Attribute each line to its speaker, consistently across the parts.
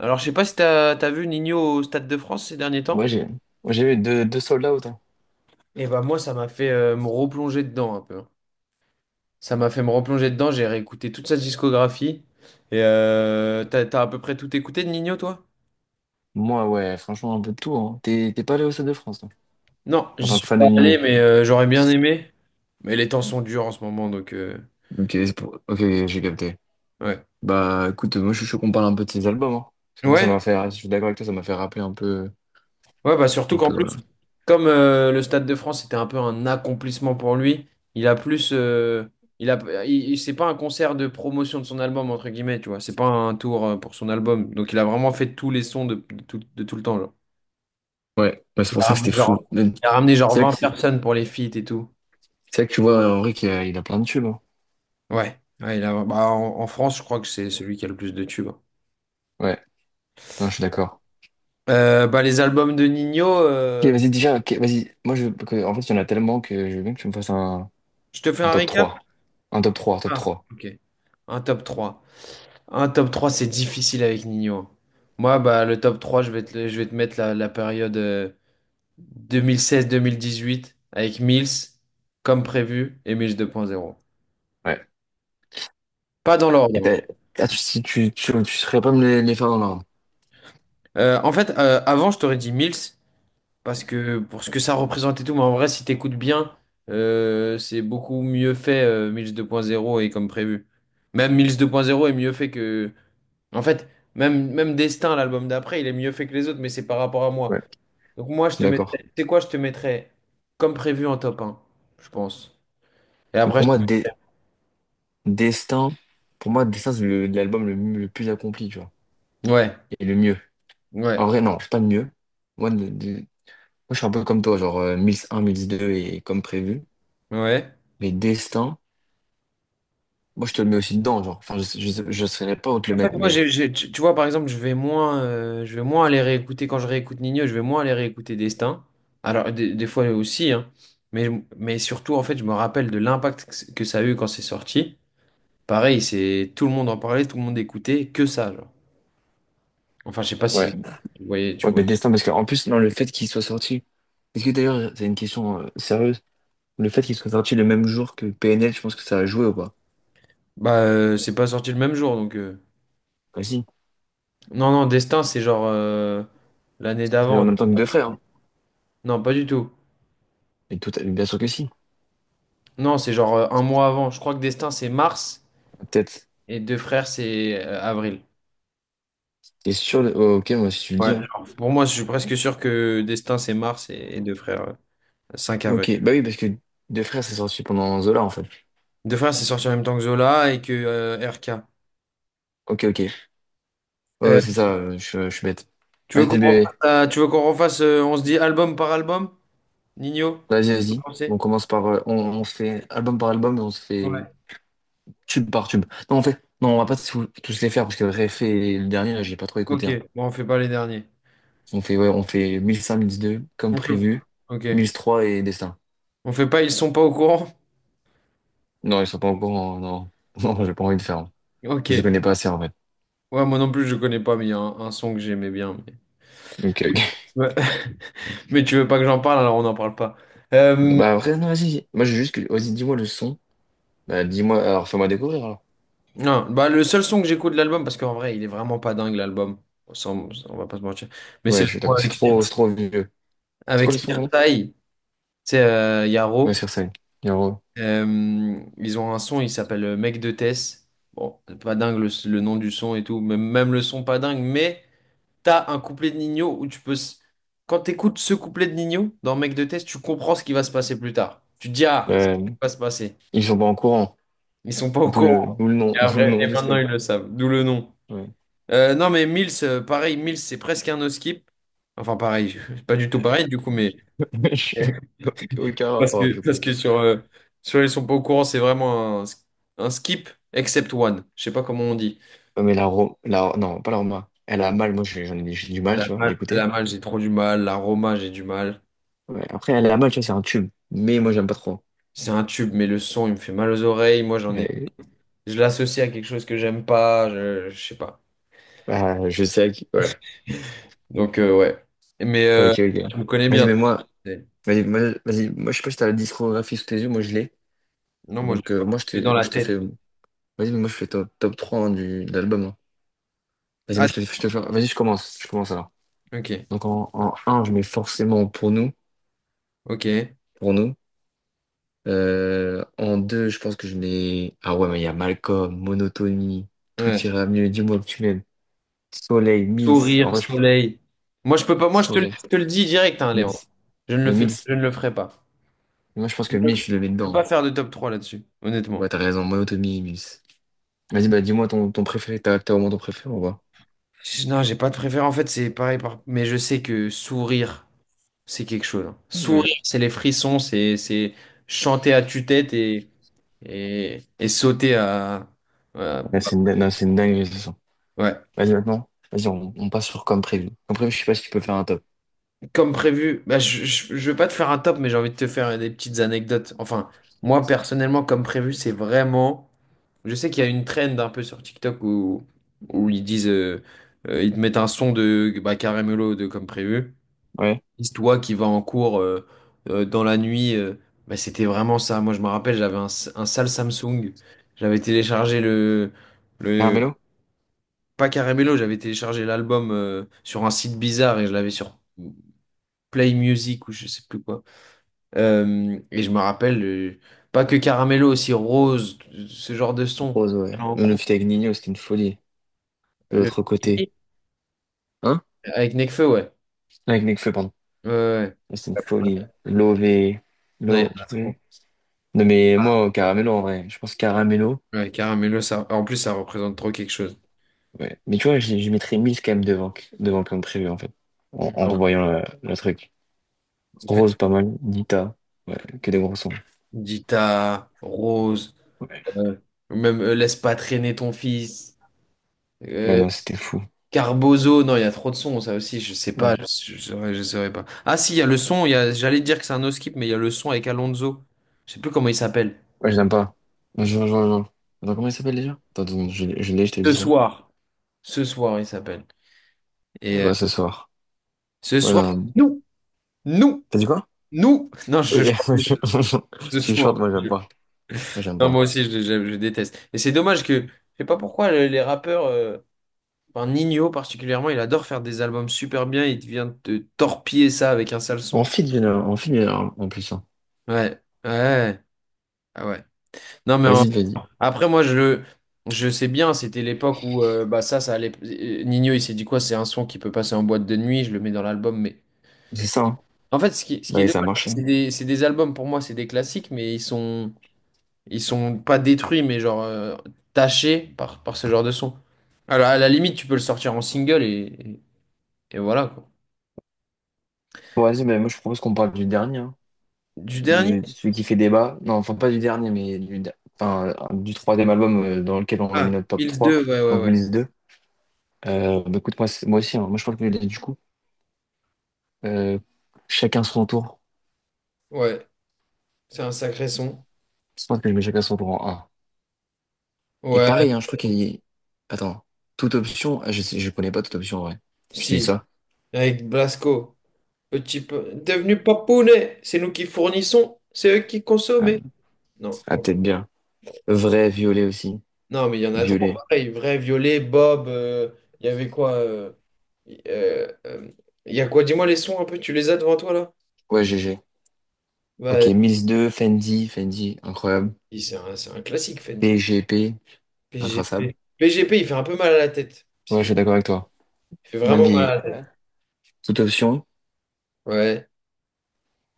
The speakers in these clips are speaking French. Speaker 1: Alors, je sais pas si t'as vu Nino au Stade de France ces derniers temps.
Speaker 2: Ouais, j'ai eu deux sold out, hein.
Speaker 1: Et bah moi, ça m'a fait me replonger dedans un peu, hein. Ça m'a fait me replonger dedans. J'ai réécouté toute sa discographie. Et t'as à peu près tout écouté de Nino, toi?
Speaker 2: Moi, ouais, franchement, un peu de tout. Hein. T'es pas allé au Stade de France, toi,
Speaker 1: Non,
Speaker 2: en
Speaker 1: j'y
Speaker 2: tant que
Speaker 1: suis
Speaker 2: fan de
Speaker 1: pas
Speaker 2: Nino.
Speaker 1: allé, mais j'aurais bien aimé. Mais les temps sont durs en ce moment, donc
Speaker 2: Ok, ok, j'ai capté.
Speaker 1: ouais.
Speaker 2: Bah, écoute, moi, je suis chaud qu'on parle un peu de ces albums. Hein. Parce que moi, ça m'a
Speaker 1: Ouais,
Speaker 2: fait, je suis d'accord avec toi, ça m'a fait rappeler
Speaker 1: ouais, bah surtout
Speaker 2: un
Speaker 1: qu'en
Speaker 2: peu, voilà.
Speaker 1: plus, comme le Stade de France c'était un peu un accomplissement pour lui, il a plus. Il a, il- il- c'est pas un concert de promotion de son album, entre guillemets, tu vois. C'est pas un tour pour son album. Donc il a vraiment fait tous les sons de tout, de tout le temps, genre.
Speaker 2: Ouais, bah, c'est
Speaker 1: Il
Speaker 2: pour
Speaker 1: a
Speaker 2: ça que c'était
Speaker 1: ramené genre,
Speaker 2: fou. Mais
Speaker 1: il a ramené genre
Speaker 2: C'est là que,
Speaker 1: 20
Speaker 2: c'est
Speaker 1: personnes pour les feats et tout.
Speaker 2: là que tu vois, Henri qu'il a, plein de tubes, hein.
Speaker 1: Ouais, ouais, bah, en France, je crois que c'est celui qui a le plus de tubes.
Speaker 2: Ouais, non, je suis d'accord.
Speaker 1: Les albums de Nino,
Speaker 2: Ok, vas-y, déjà, ok, vas-y. Moi, en fait, il y en a tellement que je veux bien que tu me fasses un,
Speaker 1: je te fais
Speaker 2: un
Speaker 1: un
Speaker 2: top
Speaker 1: récap?
Speaker 2: trois. Un top trois, top
Speaker 1: Ah,
Speaker 2: trois.
Speaker 1: ok. Un top 3 Un top trois. C'est difficile avec Nino. Moi, bah, le top 3 je vais te mettre la période 2016-2018 avec Mills, comme prévu, et Mills 2.0.
Speaker 2: Ouais.
Speaker 1: Pas dans
Speaker 2: Et
Speaker 1: l'ordre, hein.
Speaker 2: t'as- ah, si tu saurais pas me les faire dans l'ordre.
Speaker 1: En fait, avant, je t'aurais dit Mills, parce que pour ce que ça représente et tout, mais en vrai, si t'écoutes bien, c'est beaucoup mieux fait, Mills 2.0 et comme prévu. Même Mills 2.0 est mieux fait que... En fait, même Destin, l'album d'après, il est mieux fait que les autres, mais c'est par rapport à moi.
Speaker 2: Ouais.
Speaker 1: Donc moi, je
Speaker 2: C'est
Speaker 1: te mettrais,
Speaker 2: d'accord.
Speaker 1: tu sais quoi, je te mettrais comme prévu en top un, je pense. Et
Speaker 2: Mais
Speaker 1: après,
Speaker 2: pour moi, Destin, Destin, c'est l'album le plus accompli, tu vois.
Speaker 1: ouais,
Speaker 2: Et le mieux.
Speaker 1: ouais,
Speaker 2: En vrai, non, c'est pas le mieux. Moi, je suis un peu comme toi, genre 1001, 1002 et comme prévu.
Speaker 1: ouais.
Speaker 2: Mais Destin, moi, je te le mets aussi dedans, genre. Enfin, je saurais pas où te le
Speaker 1: En
Speaker 2: mettre,
Speaker 1: fait, moi,
Speaker 2: mais
Speaker 1: tu vois, par exemple, je vais moins aller réécouter, quand je réécoute Nino, je vais moins aller réécouter Destin. Alors, des fois aussi, hein. Mais, mais surtout, en fait, je me rappelle de l'impact que ça a eu quand c'est sorti. Pareil, c'est tout le monde en parlait, tout le monde écoutait, que ça, genre. Enfin, je sais pas
Speaker 2: Ouais.
Speaker 1: si tu voyais, tu
Speaker 2: Ouais,
Speaker 1: vois.
Speaker 2: mais Destin, parce qu'en plus, non, le fait qu'il soit sorti. Est-ce que d'ailleurs, c'est une question sérieuse? Le fait qu'il soit sorti le même jour que PNL, je pense que ça a joué ou pas?
Speaker 1: Bah, c'est pas sorti le même jour, donc...
Speaker 2: Vas
Speaker 1: Non, non, Destin, c'est genre l'année
Speaker 2: C'est en
Speaker 1: d'avant.
Speaker 2: même temps que Deux Frères, hein.
Speaker 1: Non, pas du tout.
Speaker 2: Et tout, bien sûr que si.
Speaker 1: Non, c'est genre un mois avant. Je crois que Destin, c'est mars
Speaker 2: Peut-être.
Speaker 1: et Deux Frères, c'est avril.
Speaker 2: Oh, ok, moi, si tu le dis,
Speaker 1: Ouais.
Speaker 2: hein.
Speaker 1: Genre, pour moi, je suis presque sûr que Destin, c'est mars et Deux Frères, 5 avril.
Speaker 2: Ok, bah oui, parce que Deux Frères, c'est sorti pendant Zola, en fait.
Speaker 1: Deux Frères, c'est sorti en même temps que Zola et que RK.
Speaker 2: Ok, ok. Ouais,
Speaker 1: Euh,
Speaker 2: ouais, c'est ça, je suis bête. Vas-y, bébé.
Speaker 1: tu veux qu'on refasse, On se dit album par album? Nino,
Speaker 2: Vas-y, vas-y.
Speaker 1: vous
Speaker 2: On
Speaker 1: pensez?
Speaker 2: commence par. On se fait album par album et on se fait
Speaker 1: Ouais.
Speaker 2: tube par tube. Non, on fait. Non, on va pas tous les faire parce que Réfé et le dernier, là, j'ai pas trop écouté,
Speaker 1: Ok,
Speaker 2: hein.
Speaker 1: bon, on fait pas les derniers.
Speaker 2: On fait 1005, 1002, comme
Speaker 1: On fait...
Speaker 2: prévu.
Speaker 1: Ok.
Speaker 2: 1003 et Destin.
Speaker 1: On fait pas, ils sont pas au courant?
Speaker 2: Non, ils sont pas encore. Non, non, j'ai pas envie de faire, hein. Je les
Speaker 1: Ok.
Speaker 2: connais pas assez, en fait.
Speaker 1: Ouais, moi non plus, je connais pas, mais il y a un son que j'aimais bien. Mais...
Speaker 2: Ok, ok.
Speaker 1: Ouais. Mais tu veux pas que j'en parle, alors on n'en parle pas. Euh,
Speaker 2: Bah, après, non, vas-y. Moi, j'ai juste que. Vas-y, dis-moi le son. Bah, dis-moi. Alors, fais-moi découvrir, alors.
Speaker 1: non, bah, le seul son que j'écoute de l'album, parce qu'en vrai, il est vraiment pas dingue, l'album. On va pas se mentir. Mais c'est
Speaker 2: Ouais,
Speaker 1: le
Speaker 2: je suis
Speaker 1: son
Speaker 2: d'accord.
Speaker 1: avec,
Speaker 2: C'est trop vieux. C'est
Speaker 1: avec
Speaker 2: quoi le son, pardon?
Speaker 1: Sirtai, tu sais,
Speaker 2: Ouais,
Speaker 1: Yaro.
Speaker 2: sur scène. Et en gros,
Speaker 1: Ils ont un son, il s'appelle Mec de Tess. Bon, c'est pas dingue le nom du son et tout. Même, même le son, pas dingue, mais. T'as un couplet de Nino où tu peux. Quand t'écoutes ce couplet de Nino dans Mec de Test, tu comprends ce qui va se passer plus tard. Tu te dis, ah, c'est
Speaker 2: euh,
Speaker 1: ce qui va se passer.
Speaker 2: ils sont pas en courant.
Speaker 1: Ils sont pas au courant.
Speaker 2: D'où le
Speaker 1: Et
Speaker 2: nom, d'où le
Speaker 1: après,
Speaker 2: nom
Speaker 1: et
Speaker 2: du
Speaker 1: maintenant,
Speaker 2: truc.
Speaker 1: ils le savent. D'où le nom.
Speaker 2: Ouais.
Speaker 1: Non, mais Mills, pareil, Mills, c'est presque un no-skip. Enfin, pareil, c'est pas du tout pareil, du coup,
Speaker 2: Euh,
Speaker 1: mais.
Speaker 2: je- Aucun
Speaker 1: Parce
Speaker 2: rapport,
Speaker 1: que,
Speaker 2: du coup.
Speaker 1: parce que sur Ils sont pas au courant, c'est vraiment un skip, except one. Je sais pas comment on dit.
Speaker 2: Ouais. Mais la Roma, la, non, pas la Roma. Elle a mal, moi j'en ai, j'ai du mal, tu vois, à
Speaker 1: Elle a
Speaker 2: l'écouter.
Speaker 1: mal, j'ai trop du mal. La Roma, j'ai du mal.
Speaker 2: Ouais. Après, elle a mal, tu vois, c'est un tube. Mais moi, j'aime pas trop.
Speaker 1: C'est un tube, mais le son, il me fait mal aux oreilles. Moi, j'en ai.
Speaker 2: Mais,
Speaker 1: Je l'associe à quelque chose que j'aime pas, je sais pas.
Speaker 2: bah, je sais que, ouais.
Speaker 1: Donc, ouais. Mais
Speaker 2: Ok, ok.
Speaker 1: tu me connais
Speaker 2: Vas-y,
Speaker 1: bien,
Speaker 2: mais
Speaker 1: toi.
Speaker 2: moi,
Speaker 1: C'est-
Speaker 2: vas-y, moi, vas-y, moi je sais pas si t'as la discographie sous tes yeux, moi je l'ai.
Speaker 1: Non, moi, je
Speaker 2: Donc
Speaker 1: l'ai pas. Je l'ai dans
Speaker 2: moi
Speaker 1: la
Speaker 2: je te fais.
Speaker 1: tête.
Speaker 2: Vas-y, mais moi je fais top, 3 hein, de l'album, hein. Vas-y,
Speaker 1: Ah,
Speaker 2: je te fais. Vas-y, je commence. Je commence alors.
Speaker 1: ok,
Speaker 2: Donc en un je mets forcément pour nous.
Speaker 1: ok.
Speaker 2: Pour nous. En 2 je pense que je mets. Ah ouais, mais il y a Malcolm, Monotonie, Tout
Speaker 1: Ouais.
Speaker 2: ira mieux, dis-moi que tu m'aimes. Soleil, Mills. En
Speaker 1: Sourire,
Speaker 2: vrai, je...
Speaker 1: soleil. Moi, je peux pas. Moi,
Speaker 2: Sourire,
Speaker 1: je te le dis direct, hein, Léon.
Speaker 2: Mills.
Speaker 1: Je ne le
Speaker 2: Mais
Speaker 1: fais,
Speaker 2: Mills.
Speaker 1: je ne le ferai pas.
Speaker 2: Moi je pense
Speaker 1: Je
Speaker 2: que Mills, je le mets
Speaker 1: peux
Speaker 2: dedans.
Speaker 1: pas faire de top 3 là-dessus,
Speaker 2: Ouais,
Speaker 1: honnêtement.
Speaker 2: t'as raison, Monotonie, Mills. Vas-y, bah dis-moi ton préféré. T'as au moins ton préféré, on va.
Speaker 1: Non, j'ai pas de préférence. En fait, c'est pareil. Mais je sais que sourire. C'est quelque chose, hein. Sourire, c'est les frissons, c'est chanter à tue-tête et sauter à... voilà,
Speaker 2: Ouais,
Speaker 1: bah,
Speaker 2: c'est une, non, c'est une dinguerie, ce son.
Speaker 1: ouais.
Speaker 2: Vas-y, maintenant. Vas-y, on passe sur comme prévu. Comme prévu, je sais pas si tu peux faire un top.
Speaker 1: Comme prévu, bah, je veux pas te faire un top, mais j'ai envie de te faire des petites anecdotes. Enfin, moi, personnellement, comme prévu, c'est vraiment... Je sais qu'il y a une trend un peu sur TikTok où ils disent... ils te mettent un son de bah, Carrémolo de comme prévu.
Speaker 2: Ouais.
Speaker 1: Toi qui va en cours dans la nuit, bah, c'était vraiment ça. Moi, je me rappelle, j'avais un sale Samsung. J'avais téléchargé le,
Speaker 2: Carmelo?
Speaker 1: pas Caramello, j'avais téléchargé l'album sur un site bizarre et je l'avais sur Play Music ou je sais plus quoi. Et je me rappelle, pas que Caramello, aussi Rose, ce genre de son.
Speaker 2: Rose, ouais.
Speaker 1: J'allais en
Speaker 2: Nous,
Speaker 1: cours,
Speaker 2: fit avec Nino, c'était une folie. De
Speaker 1: le,
Speaker 2: l'autre côté. Hein?
Speaker 1: avec Nekfeu, ouais.
Speaker 2: Avec Nekfeu, pardon.
Speaker 1: Ouais, ouais.
Speaker 2: Ouais. C'était une folie.
Speaker 1: Ouais.
Speaker 2: Lové.
Speaker 1: Non, il y en a trop.
Speaker 2: Lové. Non, mais moi, Caramelo, en vrai. Je pense Caramelo.
Speaker 1: Ouais, Caramello, ça, en plus, ça représente trop quelque chose.
Speaker 2: Ouais. Mais tu vois, je mettrais 1000 quand même devant comme prévu, en fait. En
Speaker 1: Non.
Speaker 2: revoyant le truc. Rose, pas mal. Nita. Ouais, que des gros sons.
Speaker 1: Dita, Rose,
Speaker 2: Ouais.
Speaker 1: euh, même Laisse pas traîner ton fils,
Speaker 2: Ouais,
Speaker 1: euh,
Speaker 2: non, c'était fou.
Speaker 1: Carbozo, non, il y a trop de sons, ça aussi, je sais pas,
Speaker 2: Ouais.
Speaker 1: je saurais, pas. Ah si, il y a le son, j'allais dire que c'est un no skip, mais il y a le son avec Alonso, je sais plus comment il s'appelle.
Speaker 2: Ouais, je l'aime pas. Je, je, je, je- Attends, comment il s'appelle déjà? Attends, deux secondes, je l'ai, je te dis
Speaker 1: Ce
Speaker 2: ça.
Speaker 1: soir. Ce soir, il s'appelle. Et
Speaker 2: Ouais, ce soir.
Speaker 1: ce
Speaker 2: Ouais,
Speaker 1: soir,
Speaker 2: non.
Speaker 1: nous, nous,
Speaker 2: T'as dit quoi?
Speaker 1: non, je
Speaker 2: Oui,
Speaker 1: chante
Speaker 2: je-
Speaker 1: ce
Speaker 2: tu chantes,
Speaker 1: soir.
Speaker 2: moi j'aime pas. Moi j'aime
Speaker 1: Non, moi
Speaker 2: pas.
Speaker 1: aussi, je déteste. Et c'est dommage que, je sais pas pourquoi les rappeurs, enfin, Ninho particulièrement, il adore faire des albums super bien, il vient te torpiller ça avec un sale
Speaker 2: On
Speaker 1: son.
Speaker 2: fit, on fit, il y en a en plus, hein.
Speaker 1: Ouais, ouais, ah ouais. Non mais
Speaker 2: Vas-y, vas-y.
Speaker 1: après moi je sais bien, c'était l'époque où bah ça allait, Ninho il s'est dit quoi, c'est un son qui peut passer en boîte de nuit, je le mets dans l'album, mais
Speaker 2: C'est ça, hein.
Speaker 1: en fait ce qui
Speaker 2: Bah,
Speaker 1: est
Speaker 2: et ça a
Speaker 1: dommage c'est que
Speaker 2: marché.
Speaker 1: c'est des albums pour moi, c'est des classiques, mais ils sont pas détruits mais genre tachés par ce genre de son. Alors à la limite, tu peux le sortir en single et voilà quoi.
Speaker 2: Bon, vas-y, mais moi je propose qu'on parle du dernier, hein.
Speaker 1: Du dernier.
Speaker 2: De celui qui fait débat. Non, enfin pas du dernier, mais enfin, du troisième album dans lequel on a mis
Speaker 1: Ah,
Speaker 2: notre top
Speaker 1: Bills 2,
Speaker 2: 3
Speaker 1: ouais, ouais,
Speaker 2: donc
Speaker 1: ouais.
Speaker 2: Milice deux. Bah, écoute, moi, moi aussi, hein. Moi je parle que du coup. Euh, Chacun son tour.
Speaker 1: Ouais, c'est un sacré son.
Speaker 2: Je pense que je mets chacun son tour en un. Et
Speaker 1: Ouais,
Speaker 2: pareil, hein, je crois qu'il y... Attends, toute option, ah, je sais, je connais pas toute option en vrai. Je te dis
Speaker 1: si,
Speaker 2: ça.
Speaker 1: avec Blasco. Petit peu. Devenu papounet, c'est nous qui fournissons, c'est eux qui
Speaker 2: Ah,
Speaker 1: consomment. Non,
Speaker 2: ah,
Speaker 1: ouais.
Speaker 2: peut-être bien. Vrai, violet aussi.
Speaker 1: Non, mais il y en a trop.
Speaker 2: Violet.
Speaker 1: Pareil, vrai, Violet, Bob, il y avait quoi euh, euh, euh, il y a quoi? Dis-moi les sons un peu, tu les as devant toi là?
Speaker 2: Ouais, GG. Ok,
Speaker 1: Bah,
Speaker 2: Mills deux Fendi, Fendi, incroyable.
Speaker 1: c'est un, classique, Fendi.
Speaker 2: PGP, intraçable.
Speaker 1: PGP. PGP, il fait un peu mal à la tête, si
Speaker 2: Ouais, je
Speaker 1: tu
Speaker 2: suis d'accord
Speaker 1: veux.
Speaker 2: avec toi.
Speaker 1: Il fait
Speaker 2: Même
Speaker 1: vraiment mal
Speaker 2: vie,
Speaker 1: à la tête.
Speaker 2: toute option.
Speaker 1: Ouais,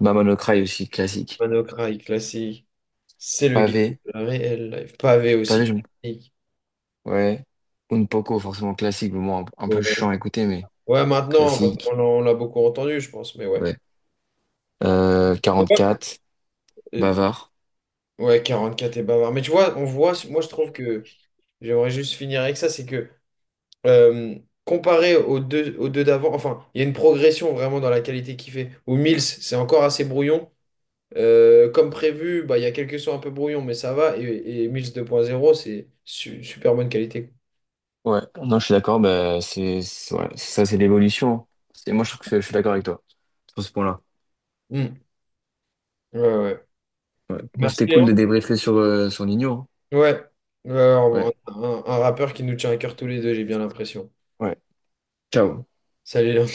Speaker 2: Maman no Cry aussi, classique.
Speaker 1: Manocry, classique. C'est le guide
Speaker 2: Pavé,
Speaker 1: réel, live. Pavé
Speaker 2: pavé,
Speaker 1: aussi.
Speaker 2: je...
Speaker 1: Ouais,
Speaker 2: ouais. Un poco, forcément classique, mais bon, un peu chiant à écouter, mais
Speaker 1: ouais, maintenant, parce qu'
Speaker 2: classique.
Speaker 1: on l'a beaucoup entendu, je pense, mais ouais.
Speaker 2: Ouais.
Speaker 1: Et bah-
Speaker 2: Quatre
Speaker 1: Et-
Speaker 2: bavard.
Speaker 1: ouais, 44 et bavard. Mais tu vois, on voit, moi je trouve que j'aimerais juste finir avec ça, c'est que euh, comparé aux deux d'avant, enfin, il y a une progression vraiment dans la qualité qu'il fait. Où Mills, c'est encore assez brouillon. Comme prévu, bah, il y a quelques sons un peu brouillon, mais ça va. Et Mills 2.0 c'est super bonne qualité.
Speaker 2: Ouais, non, je suis d'accord, bah, ouais, ça, c'est l'évolution. Moi, je trouve que je suis d'accord avec toi sur ce point-là.
Speaker 1: Hmm. Ouais, ouais.
Speaker 2: Ouais. Moi, c'était
Speaker 1: Merci.
Speaker 2: cool de débriefer sur Nino, hein.
Speaker 1: Ouais, ouais, un,
Speaker 2: Ouais.
Speaker 1: un- un rappeur qui nous tient à cœur tous les deux, j'ai bien l'impression.
Speaker 2: Ouais. Ciao.
Speaker 1: Salut Léon.